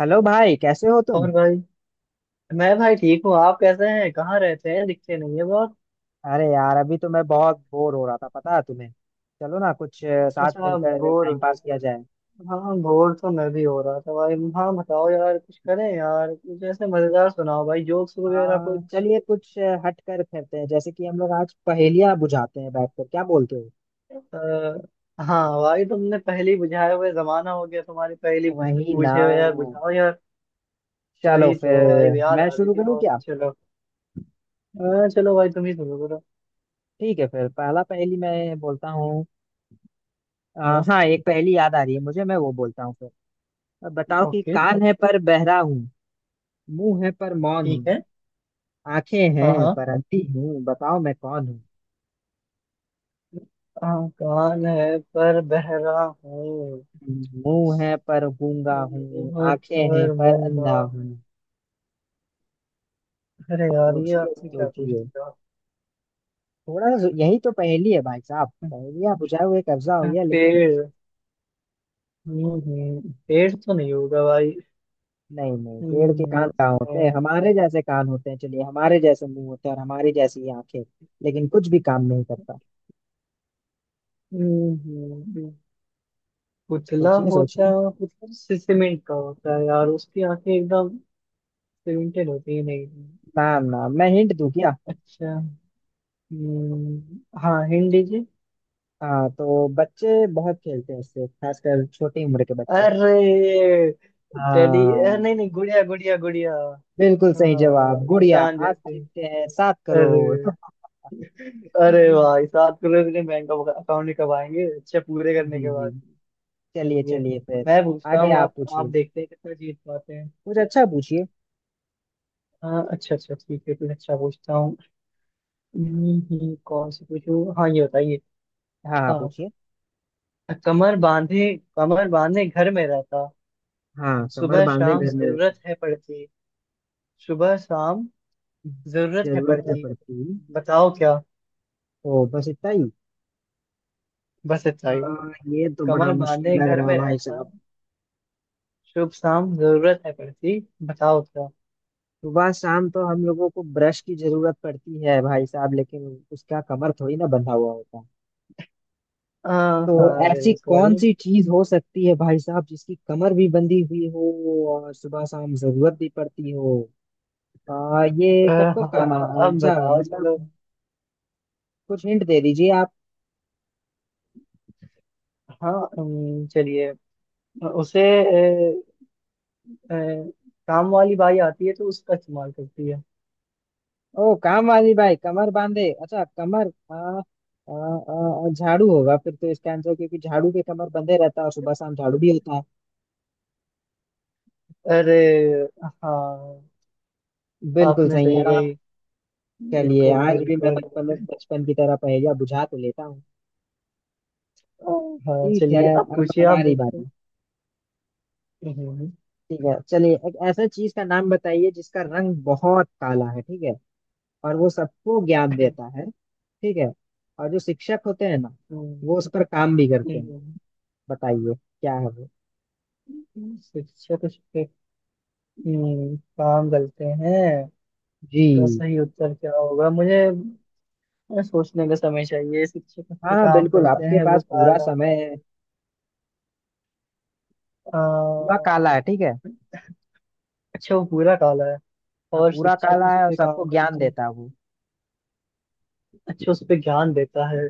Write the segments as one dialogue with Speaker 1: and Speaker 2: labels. Speaker 1: Hello भाई कैसे हो तुम।
Speaker 2: और भाई। मैं भाई ठीक हूँ। आप कैसे हैं? कहाँ रहते हैं? दिखते नहीं है बहुत।
Speaker 1: अरे यार अभी तो मैं बहुत बोर हो रहा था पता है तुम्हें। चलो ना कुछ साथ
Speaker 2: अच्छा,
Speaker 1: मिलकर
Speaker 2: बोर हो
Speaker 1: टाइम
Speaker 2: गए
Speaker 1: पास
Speaker 2: थे?
Speaker 1: किया जाए।
Speaker 2: हाँ, बोर तो मैं भी हो रहा था भाई। हाँ बताओ यार, कुछ करें यार। कुछ ऐसे मजेदार सुनाओ भाई, जोक्स वगैरह
Speaker 1: हाँ
Speaker 2: कुछ।
Speaker 1: चलिए कुछ हट कर करते हैं, जैसे कि हम लोग आज पहेलियां बुझाते हैं बैठकर, क्या बोलते हो?
Speaker 2: हाँ भाई, तुमने पहली बुझाए हुए जमाना हो गया, तुम्हारी पहली
Speaker 1: वही ना।
Speaker 2: पूछे हुए यार, बुझाओ यार।
Speaker 1: चलो
Speaker 2: वही
Speaker 1: फिर
Speaker 2: तो भाई, याद
Speaker 1: मैं
Speaker 2: आ रही
Speaker 1: शुरू
Speaker 2: थी
Speaker 1: करूँ
Speaker 2: बहुत।
Speaker 1: क्या?
Speaker 2: चलो। हाँ, चलो भाई, तुम ही सुनो करो।
Speaker 1: ठीक है, फिर पहला पहेली मैं बोलता हूँ। अ,
Speaker 2: हाँ।
Speaker 1: हाँ एक पहेली याद आ रही है मुझे, मैं वो बोलता हूँ फिर। बताओ कि
Speaker 2: ओके।
Speaker 1: कान है पर बहरा हूँ, मुंह है पर मौन हूँ,
Speaker 2: ठीक है।
Speaker 1: आंखें
Speaker 2: हाँ
Speaker 1: हैं
Speaker 2: हाँ।
Speaker 1: पर अंधी हूँ, बताओ मैं कौन हूँ।
Speaker 2: हाँ, कान है पर बहरा हूँ।
Speaker 1: मुंह है पर गूंगा हूँ, आंखें हैं
Speaker 2: पर
Speaker 1: पर
Speaker 2: मुंबा।
Speaker 1: अंधा हूँ।
Speaker 2: अरे यार, ये
Speaker 1: सोचिए
Speaker 2: आपने क्या पूछ
Speaker 1: सोचिए।
Speaker 2: दिया।
Speaker 1: थोड़ा सा, यही तो पहेली है भाई साहब, पहेलियां बुझाए हुए कब्जा हो गया लेकिन।
Speaker 2: पेड़। पेड़ तो नहीं होगा भाई।
Speaker 1: नहीं नहीं, पेड़ के
Speaker 2: हम्म।
Speaker 1: कान कहाँ होते हैं?
Speaker 2: हाँ।
Speaker 1: हमारे जैसे कान होते हैं चलिए, हमारे जैसे मुंह होते हैं, और हमारी जैसी ही आंखें। लेकिन कुछ भी काम नहीं करता।
Speaker 2: हम्म। पुतला
Speaker 1: सोचिए
Speaker 2: होता है,
Speaker 1: सोचिए।
Speaker 2: और पुतला से सीमेंट का होता है यार, उसकी आंखें एकदम सीमेंटेड होती है, नहीं?
Speaker 1: ना ना, मैं हिंट दूं क्या?
Speaker 2: अच्छा। हाँ, हिंट दीजिए।
Speaker 1: हाँ तो बच्चे बहुत खेलते हैं इससे, खासकर छोटी उम्र के बच्चे।
Speaker 2: अरे। टेडी
Speaker 1: हाँ
Speaker 2: नहीं नहीं, गुड़िया गुड़िया गुड़िया।
Speaker 1: बिल्कुल सही
Speaker 2: हाँ,
Speaker 1: जवाब, गुड़िया।
Speaker 2: इंसान
Speaker 1: आप
Speaker 2: जैसे।
Speaker 1: जीतते हैं 7 करोड़।
Speaker 2: अरे। अरे
Speaker 1: जी।
Speaker 2: भाई, सात करोड़ इतने बैंक अकाउंट में कब आएंगे? अच्छा, पूरे करने
Speaker 1: जी
Speaker 2: के
Speaker 1: जी।
Speaker 2: बाद।
Speaker 1: चलिए
Speaker 2: चलिए।
Speaker 1: चलिए फिर।
Speaker 2: मैं पूछता
Speaker 1: आगे
Speaker 2: हूँ,
Speaker 1: आप
Speaker 2: आप
Speaker 1: पूछिए।
Speaker 2: देखते हैं कितना जीत पाते हैं।
Speaker 1: कुछ अच्छा पूछिए।
Speaker 2: हाँ, अच्छा अच्छा ठीक है, कुछ अच्छा पूछता हूँ। कौन से पूछूं? हाँ, ये बताइए।
Speaker 1: हाँ हाँ
Speaker 2: हाँ।
Speaker 1: पूछिए।
Speaker 2: कमर बांधे। कमर बांधे घर में रहता।
Speaker 1: हाँ, कमर
Speaker 2: सुबह
Speaker 1: बांधे
Speaker 2: शाम
Speaker 1: घर में रहती,
Speaker 2: जरूरत है पड़ती। सुबह शाम। जरूरत है
Speaker 1: जरूरत है
Speaker 2: पड़ती।
Speaker 1: पड़ती।
Speaker 2: बताओ क्या?
Speaker 1: ओ बस इतना ही।
Speaker 2: बस इतना ही।
Speaker 1: हाँ ये तो बड़ा
Speaker 2: कमर बांधे
Speaker 1: मुश्किल लग
Speaker 2: घर
Speaker 1: रहा है
Speaker 2: में
Speaker 1: भाई
Speaker 2: रहता।
Speaker 1: साहब।
Speaker 2: शुभ शाम जरूरत है पड़ती, बताओ क्या?
Speaker 1: सुबह शाम तो हम लोगों को ब्रश की जरूरत पड़ती है भाई साहब, लेकिन उसका कमर थोड़ी ना बंधा हुआ होता। तो
Speaker 2: हाँ हाँ,
Speaker 1: ऐसी कौन
Speaker 2: बिल्कुल।
Speaker 1: सी चीज हो सकती है भाई साहब, जिसकी कमर भी बंधी हुई हो और सुबह शाम जरूरत भी पड़ती हो? ये कब कब
Speaker 2: हाँ
Speaker 1: काम
Speaker 2: हाँ,
Speaker 1: आना,
Speaker 2: अब
Speaker 1: अच्छा
Speaker 2: बताओ चलो।
Speaker 1: मतलब। कुछ हिंट दे दीजिए आप।
Speaker 2: हाँ। चलिए। उसे। अ, काम वाली बाई आती है तो उसका इस्तेमाल करती है।
Speaker 1: ओ काम वाली बाई कमर बांधे, अच्छा कमर आ, आ, आ, झाड़ू होगा फिर तो इसका आंसर, क्योंकि झाड़ू के कमर बंधे रहता है और सुबह शाम झाड़ू भी होता है।
Speaker 2: अरे। हाँ।
Speaker 1: बिल्कुल
Speaker 2: आपने
Speaker 1: सही है
Speaker 2: सही
Speaker 1: ना?
Speaker 2: गई।
Speaker 1: चलिए
Speaker 2: बिल्कुल
Speaker 1: आज भी मैं
Speaker 2: बिल्कुल।
Speaker 1: बचपन बचपन की तरह पहेलियां बुझा तो लेता हूँ।
Speaker 2: अ, हाँ
Speaker 1: ठीक है,
Speaker 2: चलिए, अब
Speaker 1: अब
Speaker 2: पूछिए आप
Speaker 1: हमारी
Speaker 2: देखो।
Speaker 1: बारी।
Speaker 2: हम्म।
Speaker 1: ठीक है चलिए, एक ऐसा चीज का नाम बताइए जिसका रंग बहुत काला है, ठीक है, और वो सबको ज्ञान देता है, ठीक है, और जो शिक्षक होते हैं ना, वो
Speaker 2: हम्म,
Speaker 1: उस पर काम भी करते हैं। बताइए, क्या है वो?
Speaker 2: शिक्षक उस पे, काम करते हैं। तो
Speaker 1: जी।
Speaker 2: सही उत्तर क्या होगा मुझे? हमें सोचने का समय चाहिए। शिक्षक
Speaker 1: हाँ
Speaker 2: जो
Speaker 1: हाँ
Speaker 2: काम
Speaker 1: बिल्कुल,
Speaker 2: करते
Speaker 1: आपके
Speaker 2: हैं वो
Speaker 1: पास पूरा
Speaker 2: काला।
Speaker 1: समय है। पूरा
Speaker 2: अ,
Speaker 1: काला है, ठीक है।
Speaker 2: अच्छा, वो पूरा काला है,
Speaker 1: हाँ
Speaker 2: और
Speaker 1: पूरा
Speaker 2: शिक्षक
Speaker 1: काला
Speaker 2: उस
Speaker 1: है और
Speaker 2: पे
Speaker 1: सबको
Speaker 2: काम
Speaker 1: ज्ञान
Speaker 2: करते हैं।
Speaker 1: देता है वो।
Speaker 2: अच्छा, उस पे ज्ञान देता है।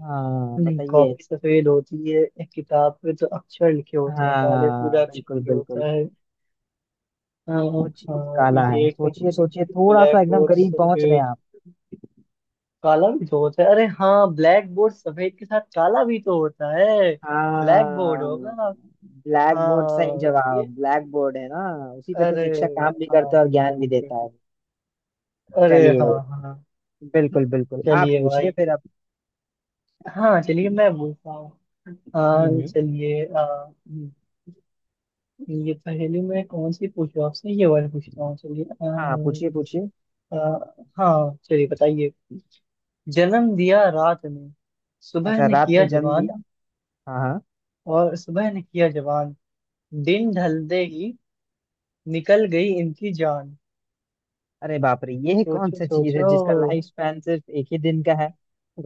Speaker 1: हाँ
Speaker 2: नहीं,
Speaker 1: बताइए।
Speaker 2: कॉपी सफेद होती है, एक किताब पे तो अक्षर लिखे होते हैं काले,
Speaker 1: हाँ
Speaker 2: पूरा अक्षर
Speaker 1: बिल्कुल
Speaker 2: लिखे
Speaker 1: बिल्कुल।
Speaker 2: होता है। हाँ।
Speaker 1: वो चीज
Speaker 2: हाँ,
Speaker 1: काला है,
Speaker 2: ये एक
Speaker 1: सोचिए सोचिए थोड़ा सा,
Speaker 2: ब्लैक
Speaker 1: एकदम
Speaker 2: बोर्ड
Speaker 1: करीब पहुंच रहे हैं
Speaker 2: सफेद
Speaker 1: आप।
Speaker 2: काला भी तो होता है। अरे हाँ, ब्लैक बोर्ड सफेद के साथ काला भी तो होता है। ब्लैक बोर्ड
Speaker 1: हाँ
Speaker 2: होगा।
Speaker 1: ब्लैक बोर्ड, सही
Speaker 2: हाँ ये।
Speaker 1: जवाब ब्लैक बोर्ड है ना, उसी पे तो
Speaker 2: अरे।
Speaker 1: शिक्षक काम भी करता
Speaker 2: हाँ,
Speaker 1: है और
Speaker 2: बिल्कुल
Speaker 1: ज्ञान भी
Speaker 2: बिल्कुल।
Speaker 1: देता है।
Speaker 2: अरे
Speaker 1: चलिए।
Speaker 2: हाँ हाँ।
Speaker 1: बिल्कुल बिल्कुल, आप
Speaker 2: चलिए
Speaker 1: पूछिए
Speaker 2: भाई।
Speaker 1: फिर आप।
Speaker 2: हाँ चलिए, मैं पूछता हूँ।
Speaker 1: हम्म
Speaker 2: हाँ
Speaker 1: हम्म।
Speaker 2: चलिए। ये पहेली में कौन सी पूछूँ आपसे? ये वाली पूछता हूँ, चलिए।
Speaker 1: हाँ पूछिए पूछिए।
Speaker 2: आ, आ, हाँ चलिए, बताइए। जन्म दिया रात ने, सुबह
Speaker 1: अच्छा
Speaker 2: ने
Speaker 1: रात
Speaker 2: किया
Speaker 1: ने जन्म दिया।
Speaker 2: जवान।
Speaker 1: हाँ हाँ।
Speaker 2: और सुबह ने किया जवान। दिन ढलते ही निकल गई इनकी जान।
Speaker 1: अरे बाप रे, ये कौन
Speaker 2: सोचो
Speaker 1: सा चीज है
Speaker 2: सोचो।
Speaker 1: जिसका लाइफ स्पैन सिर्फ एक ही दिन का है?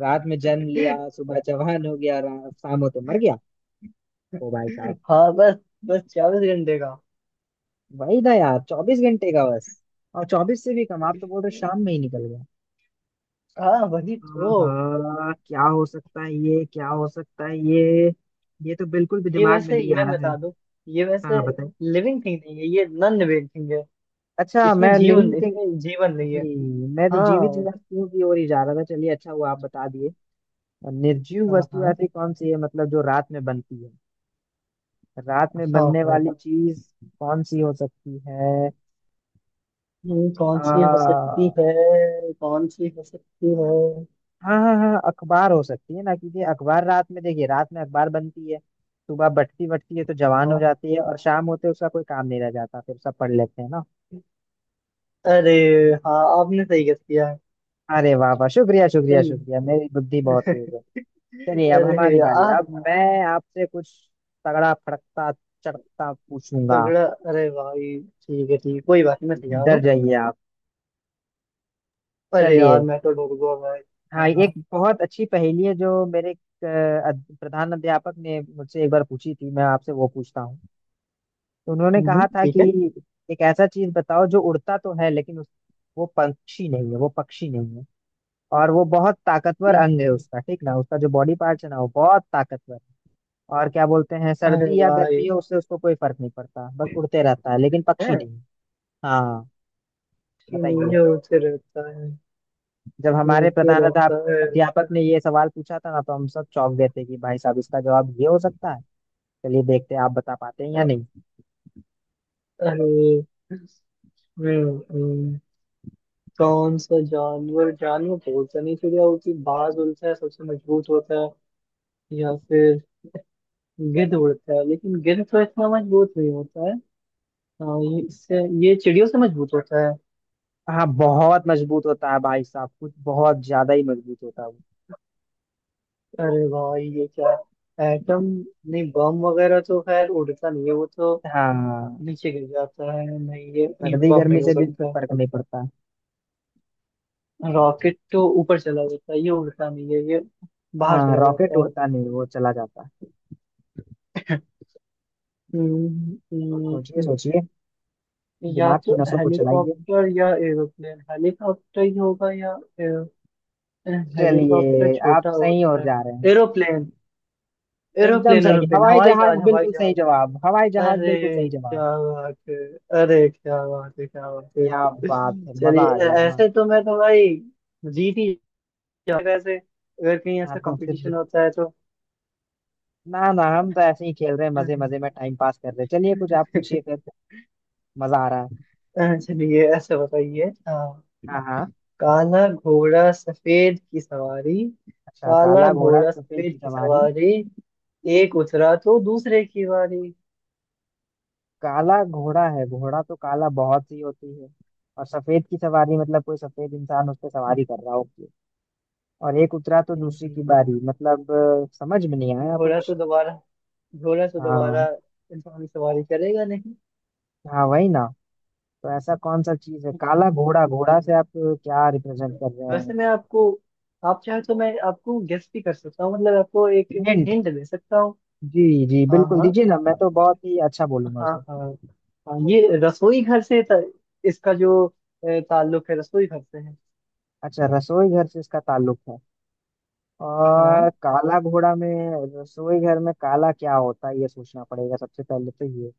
Speaker 1: रात में जन्म लिया, सुबह जवान हो गया, शाम होते मर गया। ओ भाई साहब।
Speaker 2: हाँ बस। बस 24 घंटे का।
Speaker 1: वही ना यार, 24 घंटे का बस। और 24 से भी कम आप तो बोल रहे हो, शाम में ही निकल गया।
Speaker 2: हाँ वही तो।
Speaker 1: हाँ क्या हो सकता है ये, क्या हो सकता है ये? ये तो बिल्कुल भी
Speaker 2: ये
Speaker 1: दिमाग में
Speaker 2: वैसे
Speaker 1: नहीं आ
Speaker 2: मैं
Speaker 1: रहा है।
Speaker 2: बता दूं। ये वैसे
Speaker 1: हाँ बताइए।
Speaker 2: लिविंग थिंग नहीं है, ये नॉन लिविंग थिंग है।
Speaker 1: अच्छा
Speaker 2: इसमें
Speaker 1: मैं लिविंग
Speaker 2: जीवन,
Speaker 1: थिंग।
Speaker 2: इसमें जीवन नहीं है।
Speaker 1: जी। मैं तो जीवित
Speaker 2: हाँ
Speaker 1: वस्तुओं की ओर ही जा रहा था, चलिए अच्छा हुआ आप बता दिए। और निर्जीव
Speaker 2: हाँ।
Speaker 1: वस्तु
Speaker 2: हाँ
Speaker 1: ऐसी कौन सी है, मतलब जो रात में बनती है? रात में
Speaker 2: हाँ।
Speaker 1: बनने
Speaker 2: हाँ।
Speaker 1: वाली चीज कौन सी हो सकती है?
Speaker 2: कौन सी हो
Speaker 1: आ,
Speaker 2: सकती है, कौन सी हो सकती है।
Speaker 1: हाँ हाँ हाँ, अखबार हो सकती है ना, क्योंकि अखबार रात में, देखिए रात में अखबार बनती है, सुबह बटती बटती है तो जवान हो
Speaker 2: हाँ।
Speaker 1: जाती है, और शाम होते उसका कोई काम नहीं रह जाता, फिर सब पढ़ लेते हैं ना।
Speaker 2: अरे। हाँ, आपने सही गेस किया है।
Speaker 1: अरे वाह वाह, शुक्रिया शुक्रिया
Speaker 2: चलिए।
Speaker 1: शुक्रिया, मेरी बुद्धि बहुत तेज है। चलिए अब हमारी
Speaker 2: अरे
Speaker 1: बारी, अब
Speaker 2: आप।
Speaker 1: मैं आपसे कुछ तगड़ा फड़कता चड़कता पूछूंगा।
Speaker 2: तगड़ा। अरे भाई ठीक है ठीक है, कोई बात नहीं, मैं तैयार
Speaker 1: डर
Speaker 2: हूँ।
Speaker 1: जाइए आप।
Speaker 2: अरे यार,
Speaker 1: चलिए।
Speaker 2: मैं तो डर गया भाई।
Speaker 1: हाँ
Speaker 2: हाँ
Speaker 1: एक
Speaker 2: हाँ।
Speaker 1: बहुत अच्छी पहेली है जो मेरे प्रधान अध्यापक ने मुझसे एक बार पूछी थी, मैं आपसे वो पूछता हूँ। तो उन्होंने कहा था
Speaker 2: ठीक है।
Speaker 1: कि एक ऐसा चीज बताओ जो उड़ता तो है लेकिन वो पंछी नहीं है, वो पक्षी नहीं है। और वो बहुत ताकतवर अंग
Speaker 2: एक-
Speaker 1: है उसका, ठीक ना, उसका जो बॉडी पार्ट है ना वो बहुत ताकतवर है। और क्या बोलते हैं,
Speaker 2: अरे
Speaker 1: सर्दी या
Speaker 2: भाई।
Speaker 1: गर्मी हो उससे उसको कोई फर्क नहीं पड़ता, बस उड़ते रहता है लेकिन पक्षी
Speaker 2: है
Speaker 1: नहीं। हाँ
Speaker 2: कि
Speaker 1: बताइए।
Speaker 2: नहीं, उसे रहता है।
Speaker 1: जब हमारे
Speaker 2: उसे
Speaker 1: प्रधानाध्याप
Speaker 2: रहता है।
Speaker 1: अध्यापक ने ये सवाल पूछा था ना, तो हम सब चौंक गए थे कि भाई साहब इसका जवाब ये हो सकता है। चलिए देखते हैं आप बता पाते हैं या
Speaker 2: अ-
Speaker 1: नहीं।
Speaker 2: अरे। हम्म, हम्म, कौन सा जानवर, जानवर तो बोलता नहीं, चिड़िया होती, बाज उड़ता है सबसे मजबूत होता है। या फिर गिद्ध उड़ता है लेकिन गिद्ध तो इतना मजबूत नहीं होता है। हाँ, ये इससे ये चिड़ियों से मजबूत होता है।
Speaker 1: हाँ बहुत मजबूत होता है भाई साहब, कुछ बहुत ज्यादा ही मजबूत होता है वो।
Speaker 2: अरे भाई, ये क्या? एटम। नहीं, बम वगैरह तो खैर उड़ता नहीं है वो तो
Speaker 1: हाँ
Speaker 2: नीचे गिर जाता है, नहीं, ये
Speaker 1: सर्दी
Speaker 2: बम
Speaker 1: गर्मी
Speaker 2: नहीं हो
Speaker 1: से बिल्कुल
Speaker 2: सकता।
Speaker 1: फर्क नहीं पड़ता।
Speaker 2: रॉकेट तो ऊपर चला जाता है, ये उड़ता नहीं है ये बाहर
Speaker 1: हाँ
Speaker 2: चला
Speaker 1: रॉकेट
Speaker 2: जाता है।
Speaker 1: उड़ता नहीं, वो चला जाता है।
Speaker 2: हम्म,
Speaker 1: सोचिए
Speaker 2: हम्म,
Speaker 1: सोचिए,
Speaker 2: या
Speaker 1: दिमाग की
Speaker 2: तो
Speaker 1: नसों को चलाइए।
Speaker 2: हेलीकॉप्टर या एरोप्लेन, हेलीकॉप्टर ही होगा या हेलीकॉप्टर
Speaker 1: चलिए आप
Speaker 2: छोटा
Speaker 1: सही
Speaker 2: होता
Speaker 1: और
Speaker 2: है।
Speaker 1: जा रहे हैं।
Speaker 2: एरोप्लेन।
Speaker 1: एकदम
Speaker 2: एरोप्लेन
Speaker 1: सही,
Speaker 2: एरोप्लेन,
Speaker 1: हवाई
Speaker 2: हवाई जहाज
Speaker 1: जहाज
Speaker 2: हवाई
Speaker 1: बिल्कुल
Speaker 2: जहाज।
Speaker 1: सही जवाब, हवाई जहाज
Speaker 2: अरे
Speaker 1: बिल्कुल सही जवाब।
Speaker 2: क्या बात है! अरे क्या बात है, क्या बात है!
Speaker 1: क्या बात है, मजा
Speaker 2: चलिए,
Speaker 1: आ गया ना।
Speaker 2: ऐसे तो मैं तो भाई जीत ही जाऊंगा, ऐसे अगर कहीं
Speaker 1: ना
Speaker 2: ऐसा
Speaker 1: तो फिर,
Speaker 2: कंपटीशन होता है
Speaker 1: ना ना हम तो ऐसे ही खेल रहे हैं, मजे
Speaker 2: तो।
Speaker 1: मजे में टाइम पास कर रहे हैं, चलिए कुछ आप पूछिए फिर। मजा आ रहा है।
Speaker 2: चलिए ऐसे बताइए। अ,
Speaker 1: हाँ हाँ।
Speaker 2: काला घोड़ा सफेद की सवारी।
Speaker 1: अच्छा
Speaker 2: काला
Speaker 1: काला घोड़ा
Speaker 2: घोड़ा
Speaker 1: सफेद की
Speaker 2: सफेद की
Speaker 1: सवारी।
Speaker 2: सवारी, एक उतरा तो दूसरे की बारी।
Speaker 1: काला घोड़ा है, घोड़ा तो काला बहुत सी होती है, और सफेद की सवारी मतलब कोई सफेद इंसान उस पर सवारी
Speaker 2: हम्म,
Speaker 1: कर रहा होती है, और एक उतरा तो
Speaker 2: हम्म,
Speaker 1: दूसरे
Speaker 2: हम्म,
Speaker 1: की
Speaker 2: हम्म।
Speaker 1: बारी मतलब समझ में नहीं आया
Speaker 2: घोड़ा
Speaker 1: कुछ।
Speaker 2: तो दोबारा, घोड़ा तो
Speaker 1: हाँ
Speaker 2: दोबारा इंसान की सवारी करेगा नहीं।
Speaker 1: हाँ वही ना। तो ऐसा कौन सा चीज है?
Speaker 2: हम्म, हम्म,
Speaker 1: काला
Speaker 2: हम्म।
Speaker 1: घोड़ा, घोड़ा से आप क्या रिप्रेजेंट कर रहे
Speaker 2: वैसे
Speaker 1: हैं?
Speaker 2: मैं आपको, आप चाहे तो मैं आपको गेस भी कर सकता हूँ, मतलब आपको एक
Speaker 1: हिंट?
Speaker 2: हिंट दे सकता हूँ।
Speaker 1: जी जी
Speaker 2: हाँ
Speaker 1: बिल्कुल
Speaker 2: हाँ।
Speaker 1: दीजिए ना, मैं तो बहुत ही अच्छा बोलूंगा
Speaker 2: हाँ
Speaker 1: उसे।
Speaker 2: हाँ। हाँ, ये रसोई घर से इसका जो ताल्लुक है रसोई घर से है।
Speaker 1: अच्छा रसोई घर से इसका ताल्लुक है। और
Speaker 2: हाँ,
Speaker 1: काला घोड़ा में, रसोई घर में काला क्या होता है, ये सोचना पड़ेगा सबसे पहले तो ये।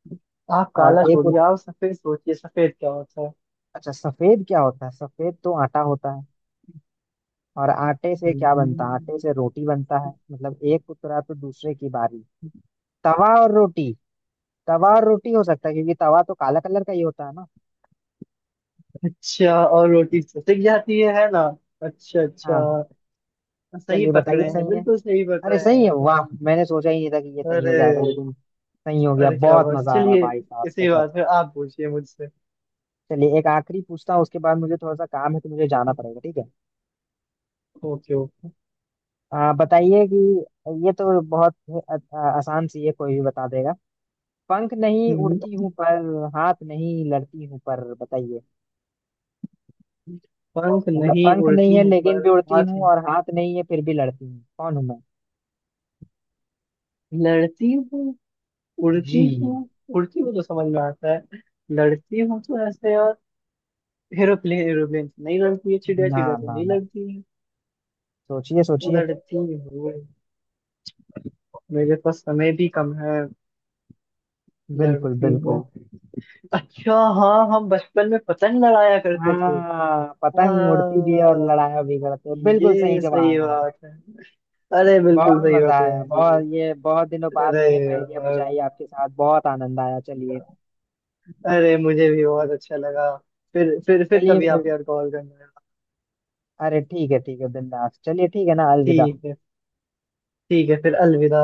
Speaker 2: आप
Speaker 1: और
Speaker 2: काला छोड़िए, आप सफेद सोचिए, सफेद क्या होता है?
Speaker 1: अच्छा सफेद क्या होता है, सफेद तो आटा होता है, और आटे से क्या बनता है,
Speaker 2: हम्म।
Speaker 1: आटे से रोटी बनता है, मतलब एक उतरा तो दूसरे की बारी। तवा और रोटी। तवा और रोटी हो सकता है, क्योंकि तवा तो काला कलर का ही होता है ना।
Speaker 2: अच्छा, और रोटी से सिक जाती है ना? अच्छा
Speaker 1: हाँ
Speaker 2: अच्छा, सही
Speaker 1: चलिए बताइए
Speaker 2: पकड़े हैं
Speaker 1: सही है।
Speaker 2: बिल्कुल सही
Speaker 1: अरे
Speaker 2: पकड़े
Speaker 1: सही है
Speaker 2: हैं।
Speaker 1: वाह, मैंने सोचा ही नहीं था कि ये सही हो
Speaker 2: अरे।
Speaker 1: जाएगा लेकिन सही हो गया,
Speaker 2: अरे क्या
Speaker 1: बहुत
Speaker 2: बात,
Speaker 1: मजा आया
Speaker 2: चलिए।
Speaker 1: भाई साहब का
Speaker 2: इसी
Speaker 1: जब।
Speaker 2: बात पे आप पूछिए मुझसे।
Speaker 1: चलिए, एक आखिरी पूछता हूँ, उसके बाद मुझे थोड़ा सा काम है तो मुझे जाना पड़ेगा, ठीक है।
Speaker 2: Okay okay.
Speaker 1: बताइए कि ये तो बहुत आसान सी है, कोई भी बता देगा। पंख नहीं
Speaker 2: हम्म।
Speaker 1: उड़ती हूँ पर, हाथ नहीं लड़ती हूँ पर, बताइए।
Speaker 2: पंख
Speaker 1: मतलब
Speaker 2: नहीं
Speaker 1: पंख नहीं
Speaker 2: उड़ती
Speaker 1: है
Speaker 2: हूँ पर,
Speaker 1: लेकिन भी उड़ती
Speaker 2: हाथ
Speaker 1: हूँ
Speaker 2: में
Speaker 1: और हाथ नहीं है फिर भी लड़ती हूँ, कौन हूँ मैं?
Speaker 2: लड़ती हूँ।
Speaker 1: जी।
Speaker 2: उड़ती हूँ। उड़ती हूँ तो समझ में आता है, लड़ती हूँ तो ऐसे यार, एरोप्लेन एरोप्लेन तो नहीं लड़ती है, चिड़िया
Speaker 1: ना
Speaker 2: चिड़िया तो
Speaker 1: ना
Speaker 2: नहीं
Speaker 1: ना,
Speaker 2: लड़ती है।
Speaker 1: सोचिए सोचिए।
Speaker 2: लड़ती हूँ। मेरे पास समय भी कम है।
Speaker 1: बिल्कुल
Speaker 2: लड़ती हूँ।
Speaker 1: बिल्कुल।
Speaker 2: अच्छा। हाँ, हम बचपन में पतंग लड़ाया करते थे।
Speaker 1: हाँ पतंग उड़ती भी है और
Speaker 2: हाँ।
Speaker 1: लड़ाया भी करते हैं, बिल्कुल सही
Speaker 2: ये सही
Speaker 1: जवाब।
Speaker 2: बात है। अरे बिल्कुल
Speaker 1: बहुत
Speaker 2: सही
Speaker 1: मजा
Speaker 2: बात है
Speaker 1: आया
Speaker 2: जी।
Speaker 1: बहुत, ये बहुत दिनों बाद
Speaker 2: अरे
Speaker 1: मैंने पहेलियां
Speaker 2: यार।
Speaker 1: बुझाई आपके साथ, बहुत आनंद आया, चलिए।
Speaker 2: अरे, मुझे भी बहुत अच्छा लगा। फिर
Speaker 1: चलिए
Speaker 2: कभी
Speaker 1: फिर।
Speaker 2: आप यार कॉल करना।
Speaker 1: अरे ठीक है बिंदास, चलिए ठीक है ना, अलविदा।
Speaker 2: ठीक है। ठीक है फिर, अलविदा।